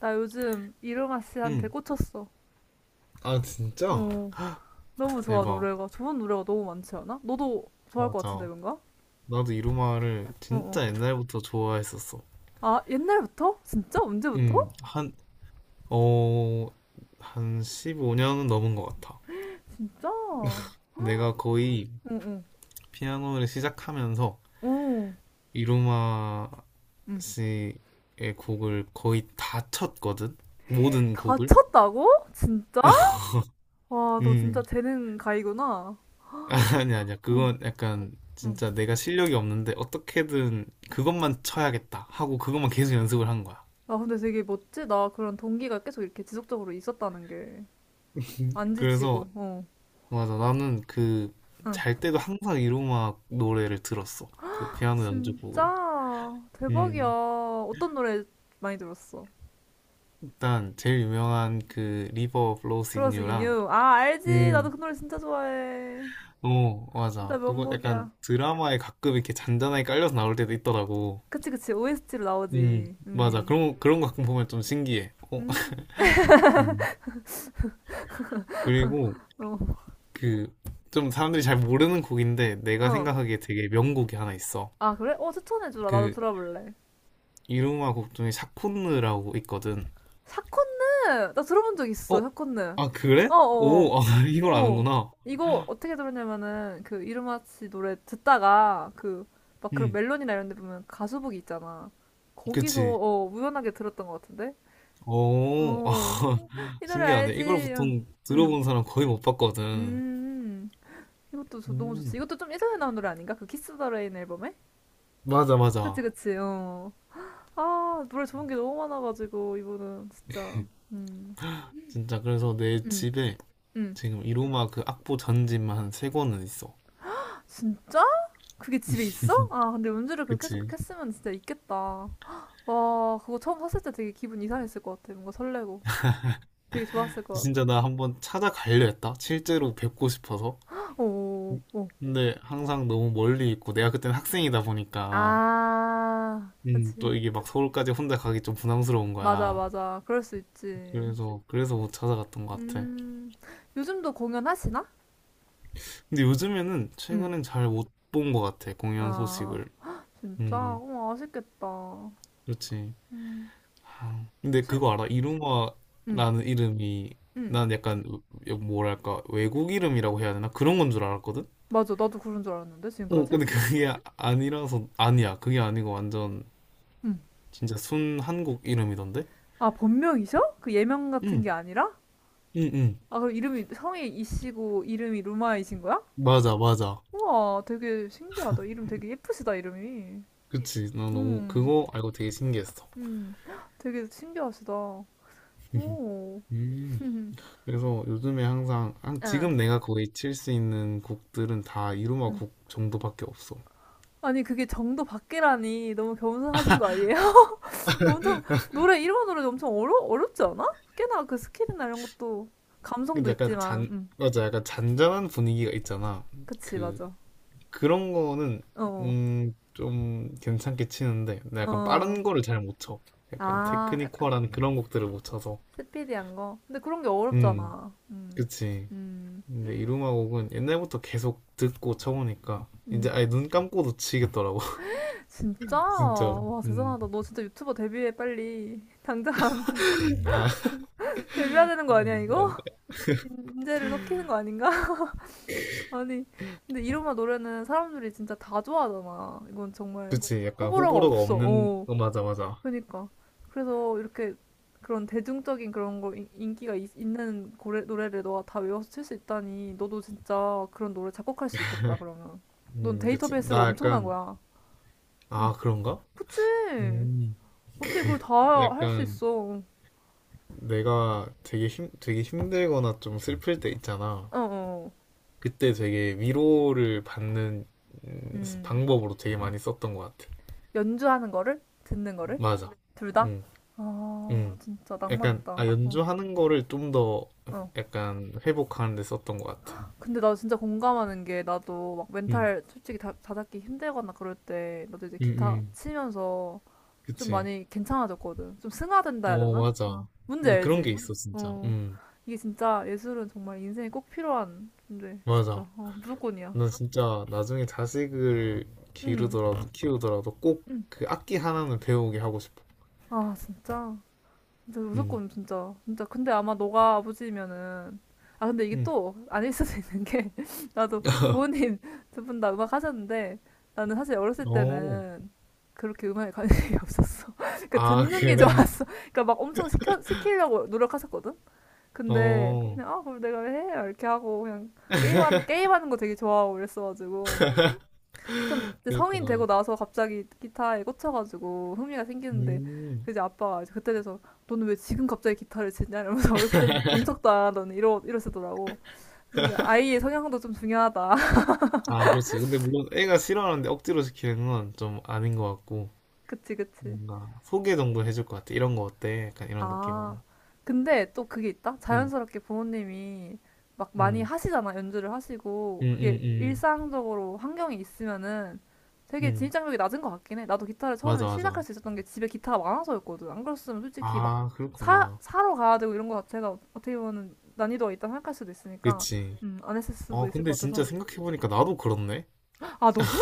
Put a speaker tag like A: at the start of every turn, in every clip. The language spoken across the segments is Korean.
A: 나 요즘 이루마 씨한테
B: 응.
A: 꽂혔어.
B: 아, 진짜?
A: 어, 너무 좋아,
B: 대박.
A: 노래가. 좋은 노래가 너무 많지 않아? 너도 좋아할 것 같은데,
B: 맞아.
A: 뭔가?
B: 나도 이루마를
A: 어, 어.
B: 진짜 옛날부터 좋아했었어.
A: 아, 옛날부터? 진짜? 언제부터?
B: 응. 어, 한 15년은 넘은 것 같아.
A: 진짜? 응,
B: 내가 거의
A: 응.
B: 피아노를 시작하면서
A: 오,
B: 이루마
A: 응.
B: 씨의 곡을 거의 다 쳤거든? 모든 곡을?
A: 다쳤다고? 진짜? 와, 너
B: 음,
A: 진짜 재능 가이구나.
B: 아니, 아니야.
A: 응,
B: 그건 약간
A: 응.
B: 진짜 내가 실력이 없는데 어떻게든 그것만 쳐야겠다 하고 그것만 계속 연습을 한 거야.
A: 아, 근데 되게 멋지다. 그런 동기가 계속 이렇게 지속적으로 있었다는 게. 안
B: 그래서
A: 지치고, 어.
B: 맞아. 나는 그,
A: 응.
B: 잘 때도 항상 이로마 노래를 들었어. 그 피아노 연주곡을.
A: 진짜 대박이야.
B: 음,
A: 어떤 노래 많이 들었어?
B: 일단, 제일 유명한 그, 리버 플로우스 인
A: 플러스
B: 유랑,
A: 인유. 아, 알지. 나도
B: 음,
A: 그 노래 진짜 좋아해.
B: 어,
A: 진짜
B: 맞아. 그거 약간
A: 명곡이야.
B: 드라마에 가끔 이렇게 잔잔하게 깔려서 나올 때도 있더라고.
A: 그치, 그치. OST로
B: 음,
A: 나오지.
B: 맞아.
A: 음.
B: 그런, 그런 거 가끔 보면 좀 신기해. 어.
A: 음.
B: 음, 그리고
A: 어.
B: 그, 좀 사람들이 잘 모르는 곡인데, 내가
A: 어.
B: 생각하기에 되게 명곡이 하나 있어.
A: 아, 그래? 어, 추천해주라. 나도
B: 그,
A: 들어볼래.
B: 이루마 곡 중에 샤콘느라고 있거든.
A: 샤콘느! 나 들어본 적 있어,
B: 어?
A: 샤콘느.
B: 아, 그래?
A: 어, 어,
B: 오, 아,
A: 어.
B: 이걸
A: 어.
B: 아는구나.
A: 이거 어떻게 들었냐면은, 그, 이루마치 노래 듣다가, 그, 막 그런
B: 음,
A: 멜론이나 이런 데 보면 가수북이 있잖아. 거기서,
B: 그치.
A: 어, 우연하게 들었던 것 같은데?
B: 오, 아,
A: 어. 이 노래
B: 신기하네.
A: 알지?
B: 이걸
A: 응.
B: 보통
A: 음.
B: 들어본 사람 거의 못 봤거든.
A: 음. 이것도 너무
B: 음,
A: 좋지. 이것도 좀 예전에 나온 노래 아닌가? 그 키스 더 레인 앨범에?
B: 맞아, 맞아.
A: 그치, 그치, 어. 아, 노래 좋은 게 너무 많아가지고, 이분은 진짜. 음.
B: 진짜, 그래서 내
A: 음.
B: 집에
A: 음.
B: 지금 이로마 그 악보 전집만 한 3권은 있어.
A: 진짜? 그게 집에 있어? 아, 근데 연주를 그렇게
B: 그치.
A: 계속 했으면 진짜 있겠다. 와, 그거 처음 샀을 때 되게 기분 이상했을 것 같아. 뭔가 설레고. 되게 좋았을 것 같아.
B: 진짜 나 한번 찾아가려 했다. 실제로 뵙고 싶어서.
A: 오, 오.
B: 근데 항상 너무 멀리 있고, 내가 그때는 학생이다 보니까,
A: 아, 그치.
B: 또 이게 막 서울까지 혼자 가기 좀 부담스러운
A: 맞아,
B: 거야.
A: 맞아. 그럴 수 있지.
B: 그래서 못 찾아갔던 것 같아.
A: 음. 요즘도 공연하시나?
B: 근데 요즘에는
A: 응.
B: 최근엔 잘 못 본 것 같아 공연
A: 아,
B: 소식을.
A: 진짜?
B: 음,
A: 어, 아쉽겠다.
B: 그렇지.
A: 음,
B: 아, 근데
A: 실,
B: 그거 알아?
A: 음,
B: 이루마라는 이름이
A: 음.
B: 난 약간 뭐랄까 외국 이름이라고 해야 되나 그런 건 줄 알았거든.
A: 맞아. 나도 그런 줄 알았는데,
B: 어,
A: 지금까지?
B: 근데 그게 아니라서 아니야. 그게 아니고 완전
A: 음.
B: 진짜 순 한국 이름이던데.
A: 아, 본명이셔? 그 예명 같은
B: 응,
A: 게 아니라?
B: 응, 응.
A: 아, 그럼 이름이, 성이 이씨고, 이름이 루마이신 거야?
B: 맞아, 맞아.
A: 우와, 되게 신기하다. 이름 되게 예쁘시다, 이름이.
B: 그치. 나 너무
A: 음,
B: 그거 알고 되게 신기했어.
A: 음. 되게 신기하시다. 오.
B: 음. 그래서 요즘에 항상
A: 아,
B: 지금 내가 거의 칠 수 있는 곡들은 다 이루마
A: 음.
B: 곡 정도밖에 없어.
A: 아니, 그게 정도 밖이라니. 너무 겸손하신 거 아니에요? 엄청 노래 일본 노래 엄청 어려 어렵지 않아? 꽤나 그 스킬이나 이런 것도 감성도
B: 근데 약간
A: 있지만,
B: 잔 맞아, 약간 잔잔한 분위기가 있잖아.
A: 그치
B: 그
A: 맞아.
B: 그런 거는
A: 어,
B: 좀 괜찮게 치는데 나 약간
A: 어,
B: 빠른 거를 잘 못 쳐. 약간
A: 아, 약간
B: 테크니컬한 그런 곡들을 못 쳐서.
A: 스피디한 거. 근데 그런 게
B: 음,
A: 어렵잖아.
B: 그치.
A: 음,
B: 근데 이루마 곡은 옛날부터 계속 듣고 쳐보니까 이제
A: 음.
B: 아예 눈 감고도 치겠더라고.
A: 진짜?
B: 진짜.
A: 와
B: 음.
A: 대단하다. 너 진짜 유튜버 데뷔해 빨리. 당장
B: 아,
A: 데뷔해야 되는
B: 아,
A: 거 아니야 이거?
B: 아.
A: 인재를 섞이는 거 아닌가? 아니, 근데 이로마 노래는 사람들이 진짜 다 좋아하잖아. 이건 정말
B: 그치, 약간
A: 호불호가
B: 호불호가
A: 없어.
B: 없는,
A: 어.
B: 어, 맞아, 맞아.
A: 그러니까 그래서 이렇게 그런 대중적인 그런 거 인기가 있, 는 고래, 노래를 너가 다 외워서 칠 수 있다니 너도 진짜 그런 노래 작곡할 수 있겠다 그러면 넌
B: 그치.
A: 데이터베이스가
B: 나
A: 엄청난
B: 약간,
A: 거야. 어.
B: 아, 그런가?
A: 그치.
B: 음,
A: 어떻게 그걸 다 할 수
B: 약간,
A: 있어?
B: 내가 되게 되게 힘들거나 좀 슬플 때 있잖아.
A: 어어.
B: 그때 되게 위로를 받는
A: 음.
B: 방법으로 되게 많이 썼던 것 같아.
A: 연주하는 거를 듣는 거를
B: 맞아.
A: 둘 다?
B: 음,
A: 아
B: 음.
A: 진짜 낭만
B: 약간,
A: 있다.
B: 아,
A: 어.
B: 연주하는 거를 좀 더
A: 어.
B: 약간 회복하는 데 썼던 것 같아.
A: 근데 나 진짜 공감하는 게 나도 막
B: 음,
A: 멘탈 솔직히 다잡기 힘들거나 그럴 때 나도 이제
B: 음,
A: 기타
B: 음.
A: 치면서 좀
B: 그치.
A: 많이 괜찮아졌거든. 좀 승화된다 해야
B: 어,
A: 되나? 어.
B: 맞아.
A: 문제
B: 근데 그런 게
A: 알지?
B: 있어, 진짜.
A: 어. 이게 진짜 예술은 정말 인생에 꼭 필요한 존재. 진짜.
B: 맞아.
A: 어, 무조건이야.
B: 너 진짜 나중에 자식을
A: 응.
B: 기르더라도 키우더라도 꼭
A: 응.
B: 그 악기 하나는 배우게 하고 싶어.
A: 아, 진짜. 진짜
B: 응.
A: 무조건 진짜. 진짜. 근데 아마 너가 아버지면은, 아, 근데 이게
B: 응.
A: 또 아닐 수도 있는 게 나도 부모님 두 분 다 음악 하셨는데 나는 사실 어렸을
B: 어.
A: 때는 그렇게 음악에 관심이 없었어. 그러니까
B: 아,
A: 듣는 게
B: 그래.
A: 좋았어. 그러니까 막 엄청 시키려고 노력하셨거든. 근데
B: 어.
A: 그냥 아 그걸 내가 왜 해? 이렇게 하고 그냥 게임하는 거 되게 좋아하고 그랬어가지고 좀 이제
B: 그렇구
A: 성인
B: 나
A: 되고 나서 갑자기 기타에 꽂혀가지고 흥미가 생기는데
B: 음.
A: 그 이제 아빠가 이제 그때 돼서 너는 왜 지금 갑자기 기타를 치냐 이러면서 어렸을 땐 본 척도 안 하더니 이러시더라고. 그러니까 아이의 성향도 좀 중요하다.
B: 아, 그렇지. 근데 물론 애가 싫어하는데 억지로 시키는 건 좀 아닌 것 같고,
A: 그치 그치.
B: 뭔가 소개 정도 해줄 것 같아. 이런 거 어때? 약간 이런
A: 아,
B: 느낌으로.
A: 근데 또 그게 있다?
B: 응,
A: 자연스럽게 부모님이 막 많이
B: 응,
A: 하시잖아, 연주를 하시고.
B: 응,
A: 그게
B: 응, 응,
A: 일상적으로 환경에 있으면은 되게
B: 응.
A: 진입장벽이 낮은 것 같긴 해. 나도 기타를 처음에
B: 맞아,
A: 시작할
B: 맞아.
A: 수 있었던 게 집에 기타가 많아서였거든. 안 그랬으면 솔직히 막
B: 아, 그렇구나.
A: 사러 가야 되고 이런 거 자체가 어떻게 보면 난이도가 있다 생각할 수도 있으니까,
B: 그치.
A: 안 했을 수도
B: 아,
A: 있을 것
B: 근데 진짜
A: 같아서.
B: 생각해보니까 나도 그렇네.
A: 아, 너도?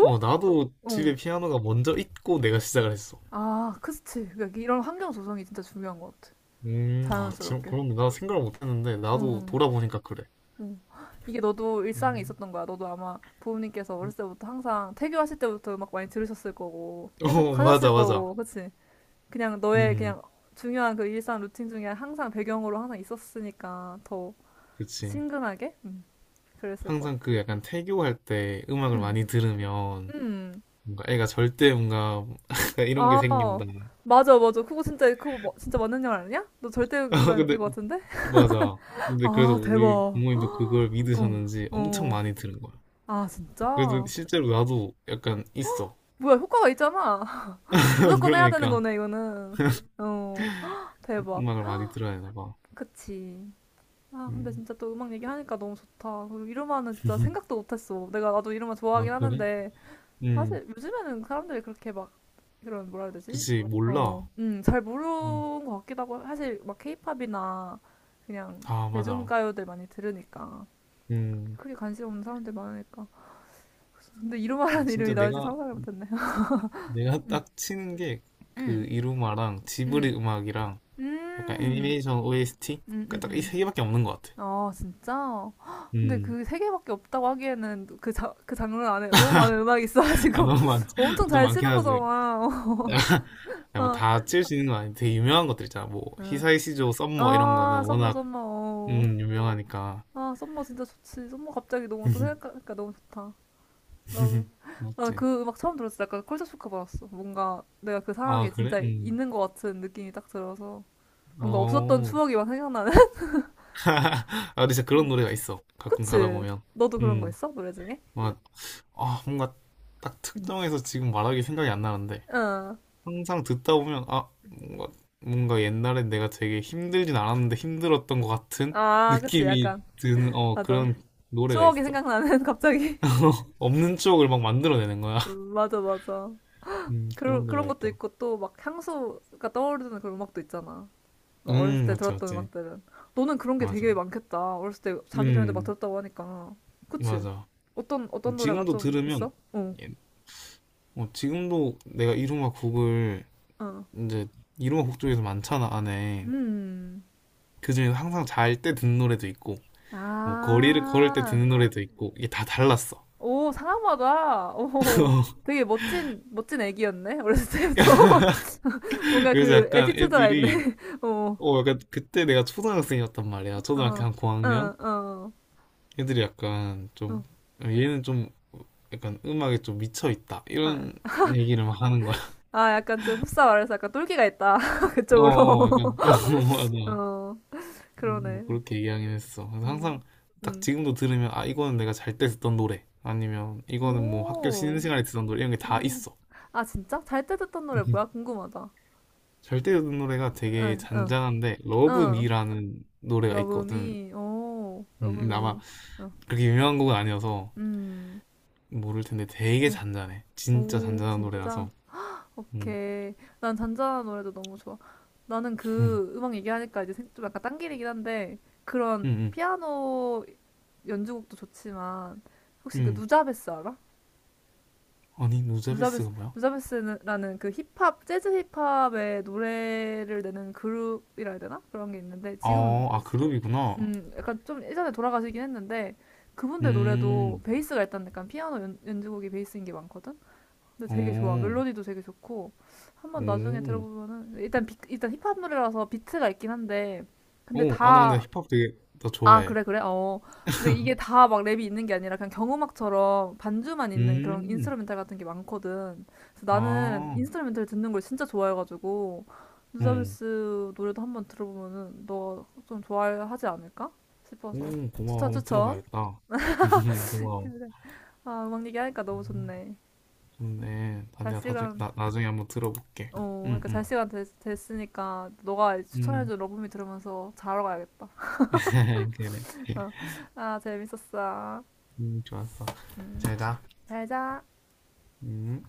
B: 어, 나도
A: 응.
B: 집에 피아노가 먼저 있고 내가 시작을 했어.
A: 아, 그치. 그러니까 이런 환경 조성이 진짜 중요한 것 같아.
B: 아, 지금
A: 자연스럽게.
B: 그런데 나 생각을 못했는데 나도
A: 응.
B: 돌아보니까 그래.
A: 음. 이게 너도 일상에
B: 음.
A: 있었던 거야. 너도 아마 부모님께서 어렸을 때부터 항상 태교하실 때부터 음악 많이 들으셨을 거고,
B: 어,
A: 계속 하셨을
B: 맞아, 맞아.
A: 거고, 그치? 그냥 너의
B: 음,
A: 그냥 중요한 그 일상 루틴 중에 항상 배경으로 항상 있었으니까 더
B: 그치.
A: 친근하게? 그랬을 것
B: 항상
A: 같아.
B: 그 약간 태교할 때 음악을
A: 음,
B: 많이 들으면
A: 음.
B: 뭔가 애가 절대 뭔가 약간 이런 게
A: 아,
B: 생긴다.
A: 맞아, 맞아. 그거 진짜, 진짜 맞는 말 아니야? 너 절대
B: 아,
A: 음감일
B: 근데
A: 것 같은데?
B: 맞아. 근데 그래서
A: 아, 대박.
B: 우리 부모님도 그걸
A: 어,
B: 믿으셨는지 엄청
A: 어.
B: 많이 들은 거야.
A: 아,
B: 그래서
A: 진짜?
B: 실제로 나도 약간 있어.
A: 뭐야, 효과가 있잖아. 무조건 해야 되는
B: 그러니까
A: 거네, 이거는. 어, 헉, 대박.
B: 음악을 많이 들어야 되나 봐.
A: 그치. 아, 근데
B: 음.
A: 진짜 또 음악 얘기하니까 너무 좋다. 그리고 이루마는 진짜 생각도 못했어. 내가 나도 이루마
B: 아,
A: 좋아하긴
B: 그래?
A: 하는데,
B: 음.
A: 사실 요즘에는 사람들이 그렇게 막, 이런, 뭐라 해야 되지?
B: 그치, 몰라.
A: 어, 잘
B: 음.
A: 모르는 것 같기도 하고, 사실 막 케이팝이나 그냥
B: 아, 맞아.
A: 대중가요들 많이 들으니까.
B: 음.
A: 크게 관심 없는 사람들 많으니까. 근데
B: 어,
A: 이루마라는
B: 진짜
A: 이름이 나올지
B: 내가,
A: 상상을 못했네요.
B: 내가
A: 음,
B: 딱 치는 게 그
A: 음,
B: 이루마랑
A: 음,
B: 지브리 음악이랑 약간
A: 음,
B: 애니메이션 OST?
A: 음, 음,
B: 딱 이
A: 음.
B: 3개밖에 없는 것 같아.
A: 아 진짜? 헉, 근데
B: 음,
A: 그 세 개밖에 없다고 하기에는 그, 자, 그 장르 안에 너무 많은 음악이
B: 아,
A: 있어가지고
B: 너무
A: 엄청
B: 좀
A: 잘
B: 많긴
A: 치는
B: 하지.
A: 거잖아.
B: 뭐
A: 아,
B: 다 치울 수 있는 건 아닌데 되게 유명한 것들 있잖아. 뭐,
A: 응.
B: 히사이시조, 썸머 이런 거는
A: 아, 썸머
B: 워낙,
A: 썸머. 어.
B: 유명하니까.
A: 아, 썸머 진짜 좋지. 썸머 갑자기 너무 또 생각하니까 너무 좋다. 나,
B: 맞지?
A: 나그 음악 처음 들었을 때 약간 컬처 쇼크 받았어. 뭔가 내가 그
B: 아,
A: 상황에
B: 그래?
A: 진짜
B: 음.
A: 있는 것 같은 느낌이 딱 들어서 뭔가 없었던
B: 어,
A: 추억이 막 생각나는.
B: 아, 근데 진짜 그런 노래가 있어. 가끔 가다
A: 그치?
B: 보면.
A: 너도 그런 거
B: 음,
A: 있어? 노래 중에?
B: 뭔가, 아, 뭔가 딱 특정해서 지금 말하기 생각이 안 나는데.
A: 응.
B: 항상 듣다 보면, 아, 뭔가, 옛날에 내가 되게 힘들진 않았는데 힘들었던 것 같은
A: 아, 그치.
B: 느낌이
A: 약간
B: 드는, 어,
A: 맞아.
B: 그런 노래가
A: 추억이
B: 있어.
A: 생각나는 갑자기
B: 없는 추억을 막 만들어내는 거야.
A: 맞아 맞아. 그런
B: 그런 노래가
A: 그런 것도
B: 있다.
A: 있고 또 막 향수가 떠오르는 그런 음악도 있잖아. 막 어렸을 때
B: 맞지,
A: 들었던
B: 맞지.
A: 음악들은 너는 그런 게
B: 맞아.
A: 되게 많겠다 어렸을 때 자기 전에도 막
B: 음,
A: 들었다고 하니까. 그치.
B: 맞아.
A: 어떤 노래가
B: 지금도
A: 좀
B: 들으면,
A: 있어?
B: 예, 어, 지금도 내가 이루마 곡을 이제 이루곡중에서 많잖아 안에
A: 어음아오.
B: 그중에서 항상 잘 때 듣는 노래도 있고 뭐 거리를 걸을 때 듣는 노래도 있고 이게 다 달랐어.
A: 상하마다 오. 되게 멋진 애기였네 어렸을 때부터. 뭔가
B: 그래서
A: 그
B: 약간
A: 에티튜드가 있네.
B: 애들이
A: 어어어어.
B: 어 약간 그때 내가 초등학생이었단 말이야. 초등학교 한 고학년 애들이 약간 좀 어, 얘는 좀 약간 음악에 좀 미쳐 있다
A: 아,
B: 이런 얘기를 막 하는 거야.
A: 아, 약간 좀 흡사 말해서 약간 똘끼가 있다. 그쪽으로.
B: 어어 약간 어, 맞아.
A: 어,
B: 뭐
A: 그러네.
B: 그렇게 얘기하긴 했어. 그래서
A: 음,
B: 항상 딱
A: 음.
B: 지금도 들으면 아 이거는 내가 잘 때 듣던 노래 아니면 이거는 뭐 학교 쉬는
A: 오,
B: 시간에 듣던 노래 이런 게 다
A: 음.
B: 있어.
A: 아, 진짜? 잘 때 듣던 노래 뭐야? 궁금하다.
B: 잘 때 듣는 노래가 되게
A: 응, 응,
B: 잔잔한데 러브
A: 응.
B: 미라는 노래가 있거든.
A: 러브미, 오,
B: 근데 아마
A: 러브미. 응,
B: 그렇게 유명한 곡은 아니어서
A: 음,
B: 모를 텐데 되게
A: 응.
B: 잔잔해. 진짜
A: 오,
B: 잔잔한
A: 진짜?
B: 노래라서. 음,
A: 오케이. 난 잔잔한 노래도 너무 좋아. 나는
B: 음,
A: 그 음악 얘기하니까 좀 약간 딴길이긴 한데, 그런
B: 음, 음.
A: 피아노 연주곡도 좋지만, 혹시 그
B: 음.
A: 누자베스 알아?
B: 아니
A: 누자베스.
B: 누자베스가 뭐야?
A: 누자베스라는 그 힙합 재즈 힙합의 노래를 내는 그룹이라 해야 되나? 그런 게 있는데 지금
B: 어, 아아 그룹이구나.
A: 약간 좀 예전에 돌아가시긴 했는데 그분들 노래도
B: 음,
A: 베이스가 일단 약간 피아노 연주곡이 베이스인 게 많거든. 근데 되게 좋아.
B: 오.
A: 멜로디도 되게 좋고 한번 나중에
B: 오,
A: 들어보면은 일단 일단 힙합 노래라서 비트가 있긴 한데 근데
B: 오, 아 나 근데
A: 다.
B: 힙합 되게 나
A: 아,
B: 좋아해.
A: 그래, 그래? 어. 근데 이게 다 막 랩이 있는 게 아니라 그냥 경음악처럼 반주만 있는 그런
B: 음.
A: 인스트루멘탈 같은 게 많거든. 그래서 나는
B: 아.
A: 인스트루멘탈 듣는 걸 진짜 좋아해가지고,
B: 어.
A: 누자베스 노래도 한번 들어보면은 너 좀 좋아하지 않을까 싶어서.
B: 오 고마워.
A: 추천,
B: 한번
A: 추천.
B: 들어봐야겠다. 고마워.
A: 그래. 아, 음악 얘기하니까 너무
B: 음,
A: 좋네.
B: 좋네. 나
A: 잘
B: 내가 나중에,
A: 시간,
B: 나, 나중에 한번 들어볼게.
A: 어,
B: 응,
A: 그러니까
B: 응.
A: 잘 시간 됐으니까 너가
B: 음.
A: 추천해준 러브미 들으면서 자러 가야겠다.
B: 그래.
A: 어. 아, 재밌었어.
B: 좋았어.
A: 음,
B: 잘 자.
A: 잘 자.
B: 음.